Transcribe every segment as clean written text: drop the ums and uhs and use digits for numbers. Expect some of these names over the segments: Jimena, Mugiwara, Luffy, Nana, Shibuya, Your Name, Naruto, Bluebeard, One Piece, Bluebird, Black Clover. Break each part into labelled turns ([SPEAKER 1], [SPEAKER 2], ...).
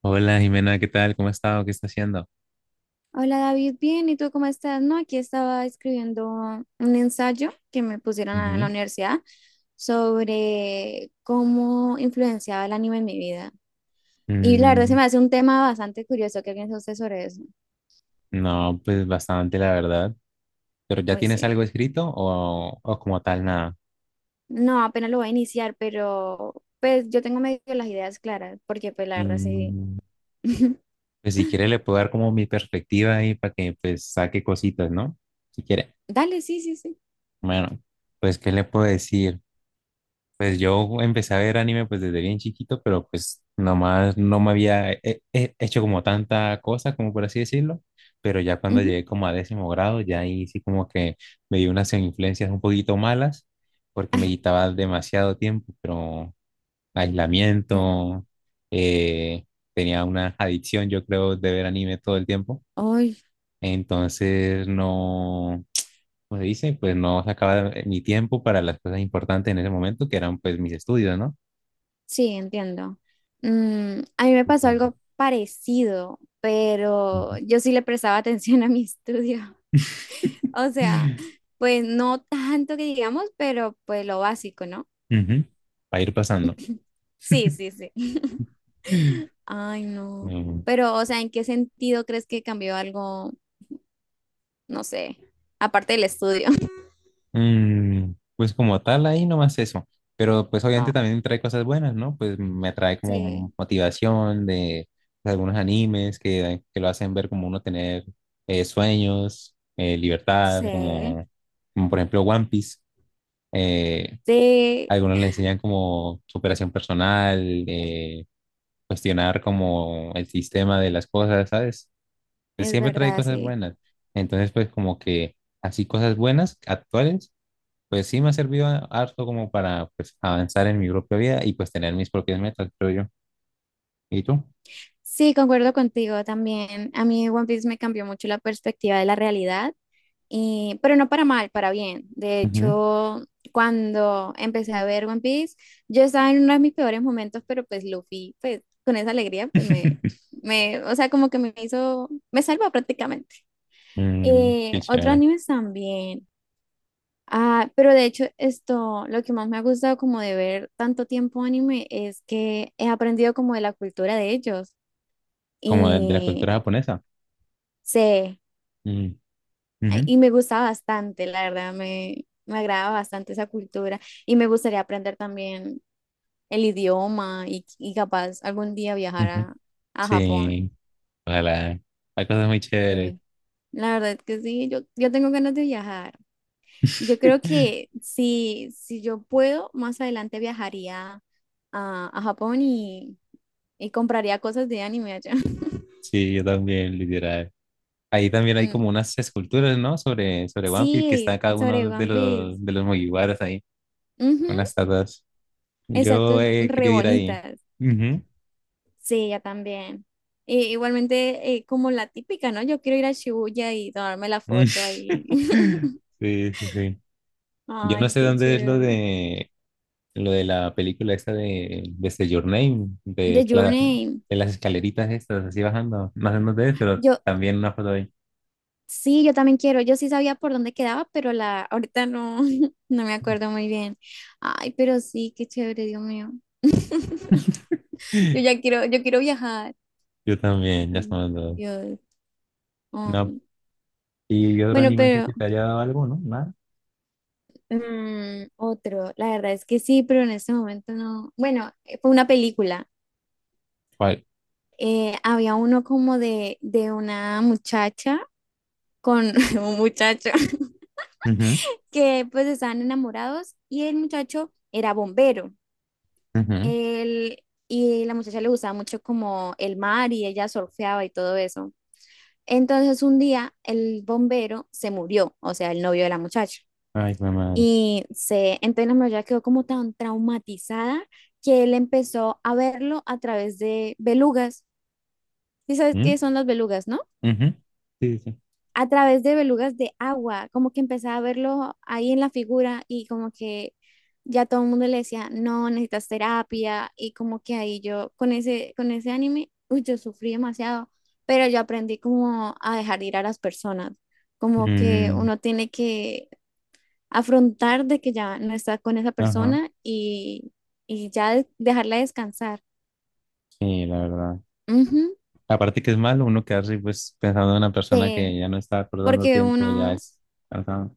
[SPEAKER 1] Hola Jimena, ¿qué tal? ¿Cómo ha estado? ¿Qué está haciendo?
[SPEAKER 2] Hola David, bien, ¿y tú cómo estás? No, aquí estaba escribiendo un ensayo que me pusieron en la
[SPEAKER 1] Ujú.
[SPEAKER 2] universidad sobre cómo influenciaba el anime en mi vida. Y la verdad se
[SPEAKER 1] Mm,
[SPEAKER 2] me hace un tema bastante curioso. ¿Qué piensa usted sobre eso?
[SPEAKER 1] no, pues bastante, la verdad. ¿Pero ya
[SPEAKER 2] Uy,
[SPEAKER 1] tienes
[SPEAKER 2] sí.
[SPEAKER 1] algo escrito o como tal nada?
[SPEAKER 2] No, apenas lo voy a iniciar, pero pues yo tengo medio las ideas claras, porque pues la verdad sí.
[SPEAKER 1] Mm, pues si quiere le puedo dar como mi perspectiva ahí para que pues saque cositas, ¿no? Si quiere.
[SPEAKER 2] Dale, sí, sí, sí.
[SPEAKER 1] Bueno, pues ¿qué le puedo decir? Pues yo empecé a ver anime pues desde bien chiquito, pero pues nomás no me había hecho como tanta cosa, como por así decirlo, pero ya cuando
[SPEAKER 2] Ujú.
[SPEAKER 1] llegué como a décimo grado, ya ahí sí como que me dio unas influencias un poquito malas, porque me quitaba demasiado tiempo, pero aislamiento, eh, tenía una adicción yo creo de ver anime todo el tiempo,
[SPEAKER 2] Ay.
[SPEAKER 1] entonces no, ¿como se dice? Pues no sacaba mi tiempo para las cosas importantes en ese momento, que eran pues mis estudios, ¿no?
[SPEAKER 2] Sí, entiendo. Mm, a mí me pasó
[SPEAKER 1] Pues,
[SPEAKER 2] algo parecido,
[SPEAKER 1] ujú.
[SPEAKER 2] pero yo sí le prestaba atención a mi estudio. O sea, pues no tanto que digamos, pero pues lo básico, ¿no?
[SPEAKER 1] Ujú. Va a ir pasando.
[SPEAKER 2] Sí, sí, sí. Ay, no.
[SPEAKER 1] Mm,
[SPEAKER 2] Pero, o sea, ¿en qué sentido crees que cambió algo, no sé, aparte del estudio?
[SPEAKER 1] pues como tal, ahí nomás eso. Pero pues obviamente
[SPEAKER 2] Oh,
[SPEAKER 1] también trae cosas buenas, ¿no? Pues me trae como
[SPEAKER 2] sí,
[SPEAKER 1] motivación de, algunos animes que lo hacen ver como uno tener sueños, libertad,
[SPEAKER 2] sí,
[SPEAKER 1] como por ejemplo One Piece. Eh,
[SPEAKER 2] sí,
[SPEAKER 1] Algunos le enseñan como superación personal, eh, cuestionar como el sistema de las cosas, ¿sabes? Pues,
[SPEAKER 2] es
[SPEAKER 1] siempre trae
[SPEAKER 2] verdad,
[SPEAKER 1] cosas
[SPEAKER 2] sí.
[SPEAKER 1] buenas. Entonces, pues como que así cosas buenas, actuales, pues sí me ha servido harto como para pues, avanzar en mi propia vida y pues tener mis propias metas, creo yo. ¿Y tú?
[SPEAKER 2] Sí, concuerdo contigo también. A mí One Piece me cambió mucho la perspectiva de la realidad. Pero no para mal, para bien. De
[SPEAKER 1] Ujú.
[SPEAKER 2] hecho, cuando empecé a ver One Piece, yo estaba en uno de mis peores momentos, pero pues Luffy, pues con esa alegría, o sea, como que me hizo, me salvó prácticamente.
[SPEAKER 1] Qué
[SPEAKER 2] Otros
[SPEAKER 1] chévere.
[SPEAKER 2] animes también. Ah, pero de hecho, esto, lo que más me ha gustado como de ver tanto tiempo anime es que he aprendido como de la cultura de ellos.
[SPEAKER 1] Como de la
[SPEAKER 2] Y
[SPEAKER 1] cultura japonesa.
[SPEAKER 2] sé.
[SPEAKER 1] Mm,
[SPEAKER 2] Ay,
[SPEAKER 1] ujú,
[SPEAKER 2] y me gusta bastante, la verdad, me agrada bastante esa cultura y me gustaría aprender también el idioma y capaz algún día viajar
[SPEAKER 1] ujú.
[SPEAKER 2] a Japón.
[SPEAKER 1] Sí, ojalá. Hay cosas muy chéveres.
[SPEAKER 2] Sí, la verdad que sí, yo tengo ganas de viajar. Yo creo que si yo puedo, más adelante viajaría a Japón y compraría cosas de anime allá.
[SPEAKER 1] Sí, yo también, literal. Ahí también hay
[SPEAKER 2] Mm.
[SPEAKER 1] como unas esculturas, ¿no? Sobre One Piece que está
[SPEAKER 2] Sí,
[SPEAKER 1] cada
[SPEAKER 2] sobre
[SPEAKER 1] uno de
[SPEAKER 2] One Piece.
[SPEAKER 1] los Mugiwaras ahí.
[SPEAKER 2] Ujú,
[SPEAKER 1] Unas tatas.
[SPEAKER 2] exacto,
[SPEAKER 1] Yo
[SPEAKER 2] es
[SPEAKER 1] he
[SPEAKER 2] re
[SPEAKER 1] querido ir ahí.
[SPEAKER 2] bonitas.
[SPEAKER 1] Ujú.
[SPEAKER 2] Sí, yo también. Y igualmente, como la típica, ¿no? Yo quiero ir a Shibuya y tomarme la
[SPEAKER 1] Mm.
[SPEAKER 2] foto ahí.
[SPEAKER 1] Sí, sí, sí. Yo no
[SPEAKER 2] Ay,
[SPEAKER 1] sé
[SPEAKER 2] qué
[SPEAKER 1] dónde es lo
[SPEAKER 2] chévere.
[SPEAKER 1] de la película esta de desde Your Name,
[SPEAKER 2] The Journey.
[SPEAKER 1] de las escaleritas estas, así bajando. No sé dónde es, pero
[SPEAKER 2] Yo,
[SPEAKER 1] también una foto ahí.
[SPEAKER 2] sí, yo también quiero. Yo sí sabía por dónde quedaba, pero la, ahorita no, no me acuerdo muy bien. Ay, pero sí, qué chévere, Dios mío. Yo ya quiero, yo quiero viajar.
[SPEAKER 1] Yo también, ya
[SPEAKER 2] Ay,
[SPEAKER 1] estamos dos.
[SPEAKER 2] Dios.
[SPEAKER 1] No.
[SPEAKER 2] Ay.
[SPEAKER 1] ¿Y otro
[SPEAKER 2] Bueno,
[SPEAKER 1] anime así
[SPEAKER 2] pero
[SPEAKER 1] que te haya dado algo, no? ¿Nada?
[SPEAKER 2] otro, la verdad es que sí, pero en este momento no. Bueno, fue una película.
[SPEAKER 1] ¿Cuál?
[SPEAKER 2] Había uno como de una muchacha con un muchacho
[SPEAKER 1] Ujú,
[SPEAKER 2] que pues estaban enamorados y el muchacho era bombero.
[SPEAKER 1] ujú.
[SPEAKER 2] Él, y la muchacha le gustaba mucho como el mar y ella surfeaba y todo eso. Entonces un día el bombero se murió, o sea, el novio de la muchacha.
[SPEAKER 1] Ay, qué madre.
[SPEAKER 2] Y se, entonces la muchacha quedó como tan traumatizada que él empezó a verlo a través de belugas. ¿Y sabes
[SPEAKER 1] ¿Mm?
[SPEAKER 2] qué son las belugas, no?
[SPEAKER 1] Ujú. Sí, sí.
[SPEAKER 2] A través de belugas de agua, como que empezaba a verlo ahí en la figura y como que ya todo el mundo le decía, no, necesitas terapia y como que ahí yo con con ese anime, uy, yo sufrí demasiado, pero yo aprendí como a dejar ir a las personas, como que
[SPEAKER 1] Mm,
[SPEAKER 2] uno tiene que afrontar de que ya no está con esa
[SPEAKER 1] ajá.
[SPEAKER 2] persona y ya dejarla descansar.
[SPEAKER 1] Sí, la verdad.
[SPEAKER 2] Ujú,
[SPEAKER 1] Aparte que es malo uno quedarse pues pensando en una persona
[SPEAKER 2] sí,
[SPEAKER 1] que ya no está acordando
[SPEAKER 2] porque
[SPEAKER 1] tiempo, ya
[SPEAKER 2] uno
[SPEAKER 1] es cansado.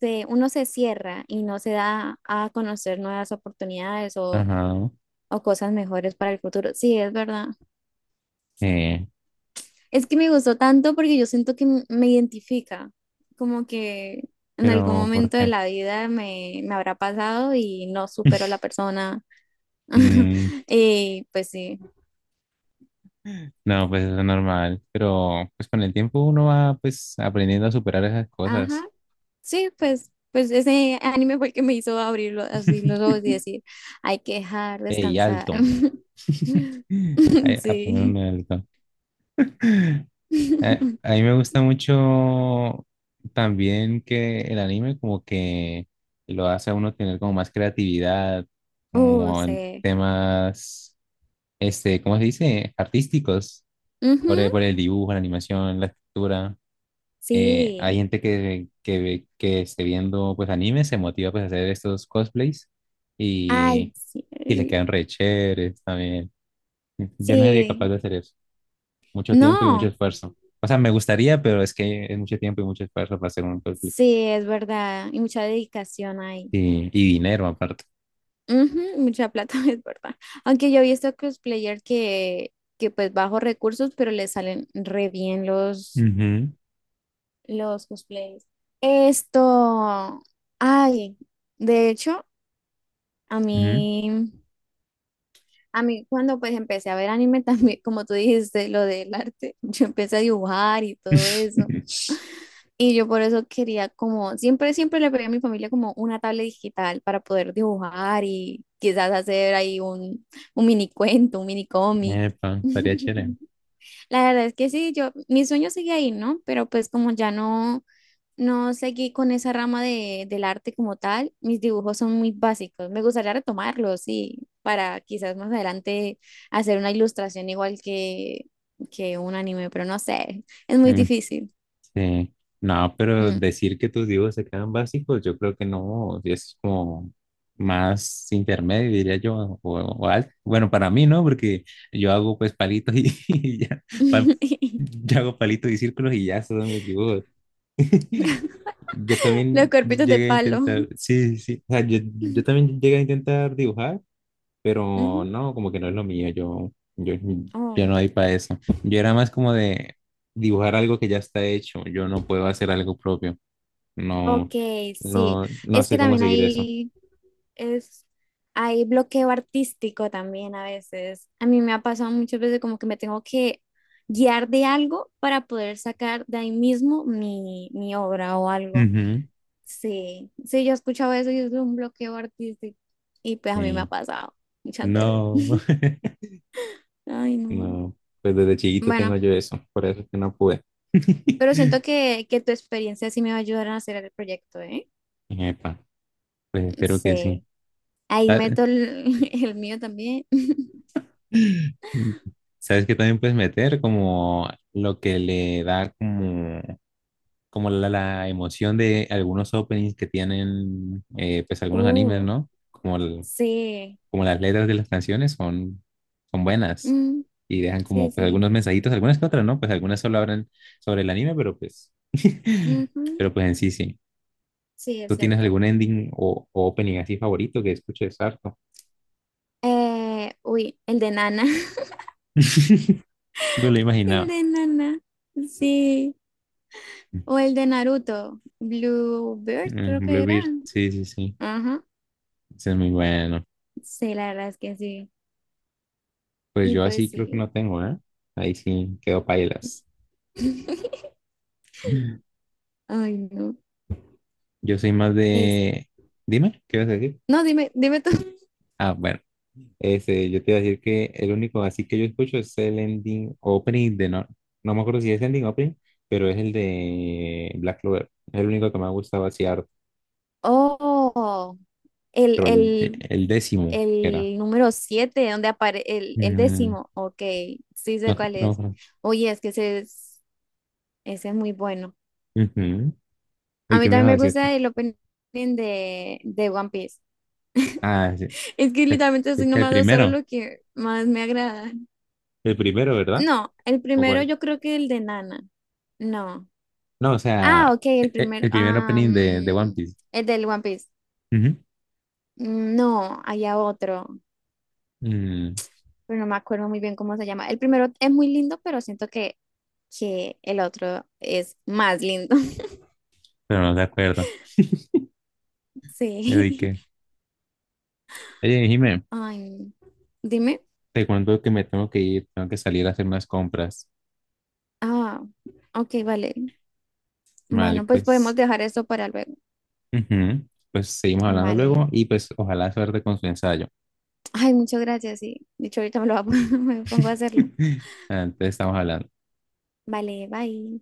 [SPEAKER 2] uno se cierra y no se da a conocer nuevas oportunidades
[SPEAKER 1] Ajá.
[SPEAKER 2] o cosas mejores para el futuro. Sí, es verdad.
[SPEAKER 1] Eh,
[SPEAKER 2] Es que me gustó tanto porque yo siento que me identifica, como que en algún
[SPEAKER 1] pero ¿por
[SPEAKER 2] momento de
[SPEAKER 1] qué?
[SPEAKER 2] la vida me habrá pasado y no supero a la persona.
[SPEAKER 1] Mm,
[SPEAKER 2] Y pues sí,
[SPEAKER 1] no, pues eso es normal. Pero pues con el tiempo uno va pues aprendiendo a superar esas
[SPEAKER 2] ajá,
[SPEAKER 1] cosas.
[SPEAKER 2] sí, pues. Pues ese anime fue el que me hizo abrirlo así los ojos y decir, hay que dejar
[SPEAKER 1] Ey,
[SPEAKER 2] descansar.
[SPEAKER 1] alto. Ay, a poner un
[SPEAKER 2] Sí.
[SPEAKER 1] alto. A mí me gusta mucho también que el anime como que lo hace a uno tener como más creatividad, como en
[SPEAKER 2] Sí.
[SPEAKER 1] temas, este, ¿cómo se dice? Artísticos,
[SPEAKER 2] Ujú,
[SPEAKER 1] por el dibujo, la animación, la escritura. Hay
[SPEAKER 2] sí.
[SPEAKER 1] gente que esté viendo pues anime, se motiva pues a hacer estos cosplays
[SPEAKER 2] Ay,
[SPEAKER 1] y,
[SPEAKER 2] sí.
[SPEAKER 1] y le
[SPEAKER 2] Ay.
[SPEAKER 1] quedan re chéveres también. Yo no sería capaz
[SPEAKER 2] Sí.
[SPEAKER 1] de hacer eso mucho tiempo y mucho
[SPEAKER 2] No.
[SPEAKER 1] esfuerzo. O sea, me gustaría, pero es que es mucho tiempo y mucho esfuerzo para hacer un película.
[SPEAKER 2] Sí, es verdad. Y mucha dedicación ahí.
[SPEAKER 1] Y dinero aparte.
[SPEAKER 2] Ujú, mucha plata, es verdad. Aunque yo he visto cosplayer que pues bajo recursos, pero le salen re bien
[SPEAKER 1] Ujú,
[SPEAKER 2] los cosplays. Esto. Ay, de hecho, a
[SPEAKER 1] ujú.
[SPEAKER 2] mí. A mí cuando pues empecé a ver anime también, como tú dijiste, lo del arte, yo empecé a dibujar y todo eso. Y yo por eso quería como, siempre, siempre le pedí a mi familia como una tablet digital para poder dibujar y quizás hacer ahí un mini cuento, un mini cómic.
[SPEAKER 1] Epa, estaría chévere.
[SPEAKER 2] La verdad es que sí, yo, mi sueño sigue ahí, ¿no? Pero pues como ya no, no seguí con esa rama del arte como tal, mis dibujos son muy básicos. Me gustaría retomarlos, sí, para quizás más adelante hacer una ilustración igual que un anime, pero no sé, es muy
[SPEAKER 1] Mm,
[SPEAKER 2] difícil.
[SPEAKER 1] sí. No, pero
[SPEAKER 2] Mm.
[SPEAKER 1] decir que tus dibujos se quedan básicos, yo creo que no, si es como más intermedio, diría yo, o alto. Bueno, para mí, ¿no? Porque yo hago pues palitos y, y ya, pa- yo hago palitos y círculos y ya, esos son mis dibujos. Yo
[SPEAKER 2] Los
[SPEAKER 1] también
[SPEAKER 2] cuerpitos de
[SPEAKER 1] llegué a
[SPEAKER 2] palo.
[SPEAKER 1] intentar, sí, sí, sí, o sea, yo también llegué a intentar dibujar, pero
[SPEAKER 2] Ujú.
[SPEAKER 1] no, como que no es lo mío, yo
[SPEAKER 2] Oh,
[SPEAKER 1] no hay para eso. Yo era más como de dibujar algo que ya está hecho, yo no puedo hacer algo propio, no,
[SPEAKER 2] ok, sí.
[SPEAKER 1] no, no
[SPEAKER 2] Es que
[SPEAKER 1] sé cómo
[SPEAKER 2] también
[SPEAKER 1] seguir eso.
[SPEAKER 2] hay, es, hay bloqueo artístico también a veces. A mí me ha pasado muchas veces como que me tengo que guiar de algo para poder sacar de ahí mismo mi, mi obra o algo.
[SPEAKER 1] Ujú.
[SPEAKER 2] Sí, sí, yo he escuchado eso y es un bloqueo artístico. Y pues a mí me ha
[SPEAKER 1] Eh,
[SPEAKER 2] pasado muchas veces.
[SPEAKER 1] no,
[SPEAKER 2] Ay, no.
[SPEAKER 1] no, pues desde chiquito tengo
[SPEAKER 2] Bueno,
[SPEAKER 1] yo eso, por eso es que no pude.
[SPEAKER 2] pero siento que tu experiencia sí me va a ayudar a hacer el proyecto, ¿eh?
[SPEAKER 1] Epa, pues espero que sí.
[SPEAKER 2] Sí. Ahí
[SPEAKER 1] Ah,
[SPEAKER 2] meto el, el mío también.
[SPEAKER 1] ¿sabes que también puedes meter? Como lo que le da como la emoción de algunos openings que tienen pues algunos animes,
[SPEAKER 2] Uh,
[SPEAKER 1] ¿no? Como, el-
[SPEAKER 2] sí.
[SPEAKER 1] como las letras de las canciones son buenas
[SPEAKER 2] Mm,
[SPEAKER 1] y dejan
[SPEAKER 2] sí,
[SPEAKER 1] como pues
[SPEAKER 2] sí.
[SPEAKER 1] algunos mensajitos, algunas que otras, ¿no? Pues algunas solo hablan sobre el anime, pero pues,
[SPEAKER 2] Ujú.
[SPEAKER 1] pero pues en sí sí.
[SPEAKER 2] Sí, es
[SPEAKER 1] ¿Tú tienes
[SPEAKER 2] cierto.
[SPEAKER 1] algún ending o opening así favorito que escuches harto?
[SPEAKER 2] Uy, el de Nana.
[SPEAKER 1] Me lo
[SPEAKER 2] El
[SPEAKER 1] imaginaba.
[SPEAKER 2] de Nana. Sí. O el de Naruto. Bluebird, creo que era.
[SPEAKER 1] Bluebeard, sí, sí, sí.
[SPEAKER 2] Ajá.
[SPEAKER 1] Ese es muy bueno.
[SPEAKER 2] Sí, la verdad es que sí.
[SPEAKER 1] Pues
[SPEAKER 2] Y
[SPEAKER 1] yo así
[SPEAKER 2] pues
[SPEAKER 1] creo que
[SPEAKER 2] sí.
[SPEAKER 1] no tengo, ¿eh? Ahí sí quedo pailas.
[SPEAKER 2] Ay, no.
[SPEAKER 1] Yo soy más
[SPEAKER 2] Es...
[SPEAKER 1] de... Dime, ¿qué vas a decir?
[SPEAKER 2] No, dime, dime tú.
[SPEAKER 1] Ah, bueno. Ese, yo te iba a decir que el único así que yo escucho es el ending opening de... No, no me acuerdo si es ending opening, pero es el de Black Clover. Es el único que me ha gustado así harto.
[SPEAKER 2] Oh,
[SPEAKER 1] Pero el,
[SPEAKER 2] el.
[SPEAKER 1] el décimo que era.
[SPEAKER 2] El número 7 donde aparece el
[SPEAKER 1] Mm,
[SPEAKER 2] décimo. Ok, sí sé cuál
[SPEAKER 1] no,
[SPEAKER 2] es.
[SPEAKER 1] no.
[SPEAKER 2] Oye, es que ese es muy bueno.
[SPEAKER 1] Ujú.
[SPEAKER 2] A
[SPEAKER 1] ¿Y
[SPEAKER 2] mí
[SPEAKER 1] qué me ibas a
[SPEAKER 2] también me
[SPEAKER 1] decir tú?
[SPEAKER 2] gusta el opening de One Piece.
[SPEAKER 1] Ah, sí.
[SPEAKER 2] Es que literalmente estoy
[SPEAKER 1] El
[SPEAKER 2] nombrando solo
[SPEAKER 1] primero.
[SPEAKER 2] lo que más me agrada.
[SPEAKER 1] El primero, ¿verdad?
[SPEAKER 2] No, el
[SPEAKER 1] ¿O
[SPEAKER 2] primero
[SPEAKER 1] cuál?
[SPEAKER 2] yo creo que el de Nana. No.
[SPEAKER 1] No, o
[SPEAKER 2] Ah,
[SPEAKER 1] sea,
[SPEAKER 2] ok, el primer.
[SPEAKER 1] el primer opening de One Piece.
[SPEAKER 2] El del One Piece.
[SPEAKER 1] Ujú.
[SPEAKER 2] No, había otro,
[SPEAKER 1] Mm,
[SPEAKER 2] pero no me acuerdo muy bien cómo se llama. El primero es muy lindo, pero siento que el otro es más lindo.
[SPEAKER 1] pero no de acuerdo. Yo
[SPEAKER 2] Sí.
[SPEAKER 1] dije, oye, Jimé,
[SPEAKER 2] Ay, dime.
[SPEAKER 1] te cuento que me tengo que ir, tengo que salir a hacer unas compras.
[SPEAKER 2] Ah, ok, vale.
[SPEAKER 1] Vale,
[SPEAKER 2] Bueno, pues podemos
[SPEAKER 1] pues,
[SPEAKER 2] dejar esto para luego.
[SPEAKER 1] ujú. Pues seguimos hablando
[SPEAKER 2] Vale.
[SPEAKER 1] luego y pues ojalá suerte con su ensayo.
[SPEAKER 2] Ay, muchas gracias. Sí. De hecho, ahorita me lo me pongo a hacerlo.
[SPEAKER 1] Entonces estamos hablando.
[SPEAKER 2] Vale, bye.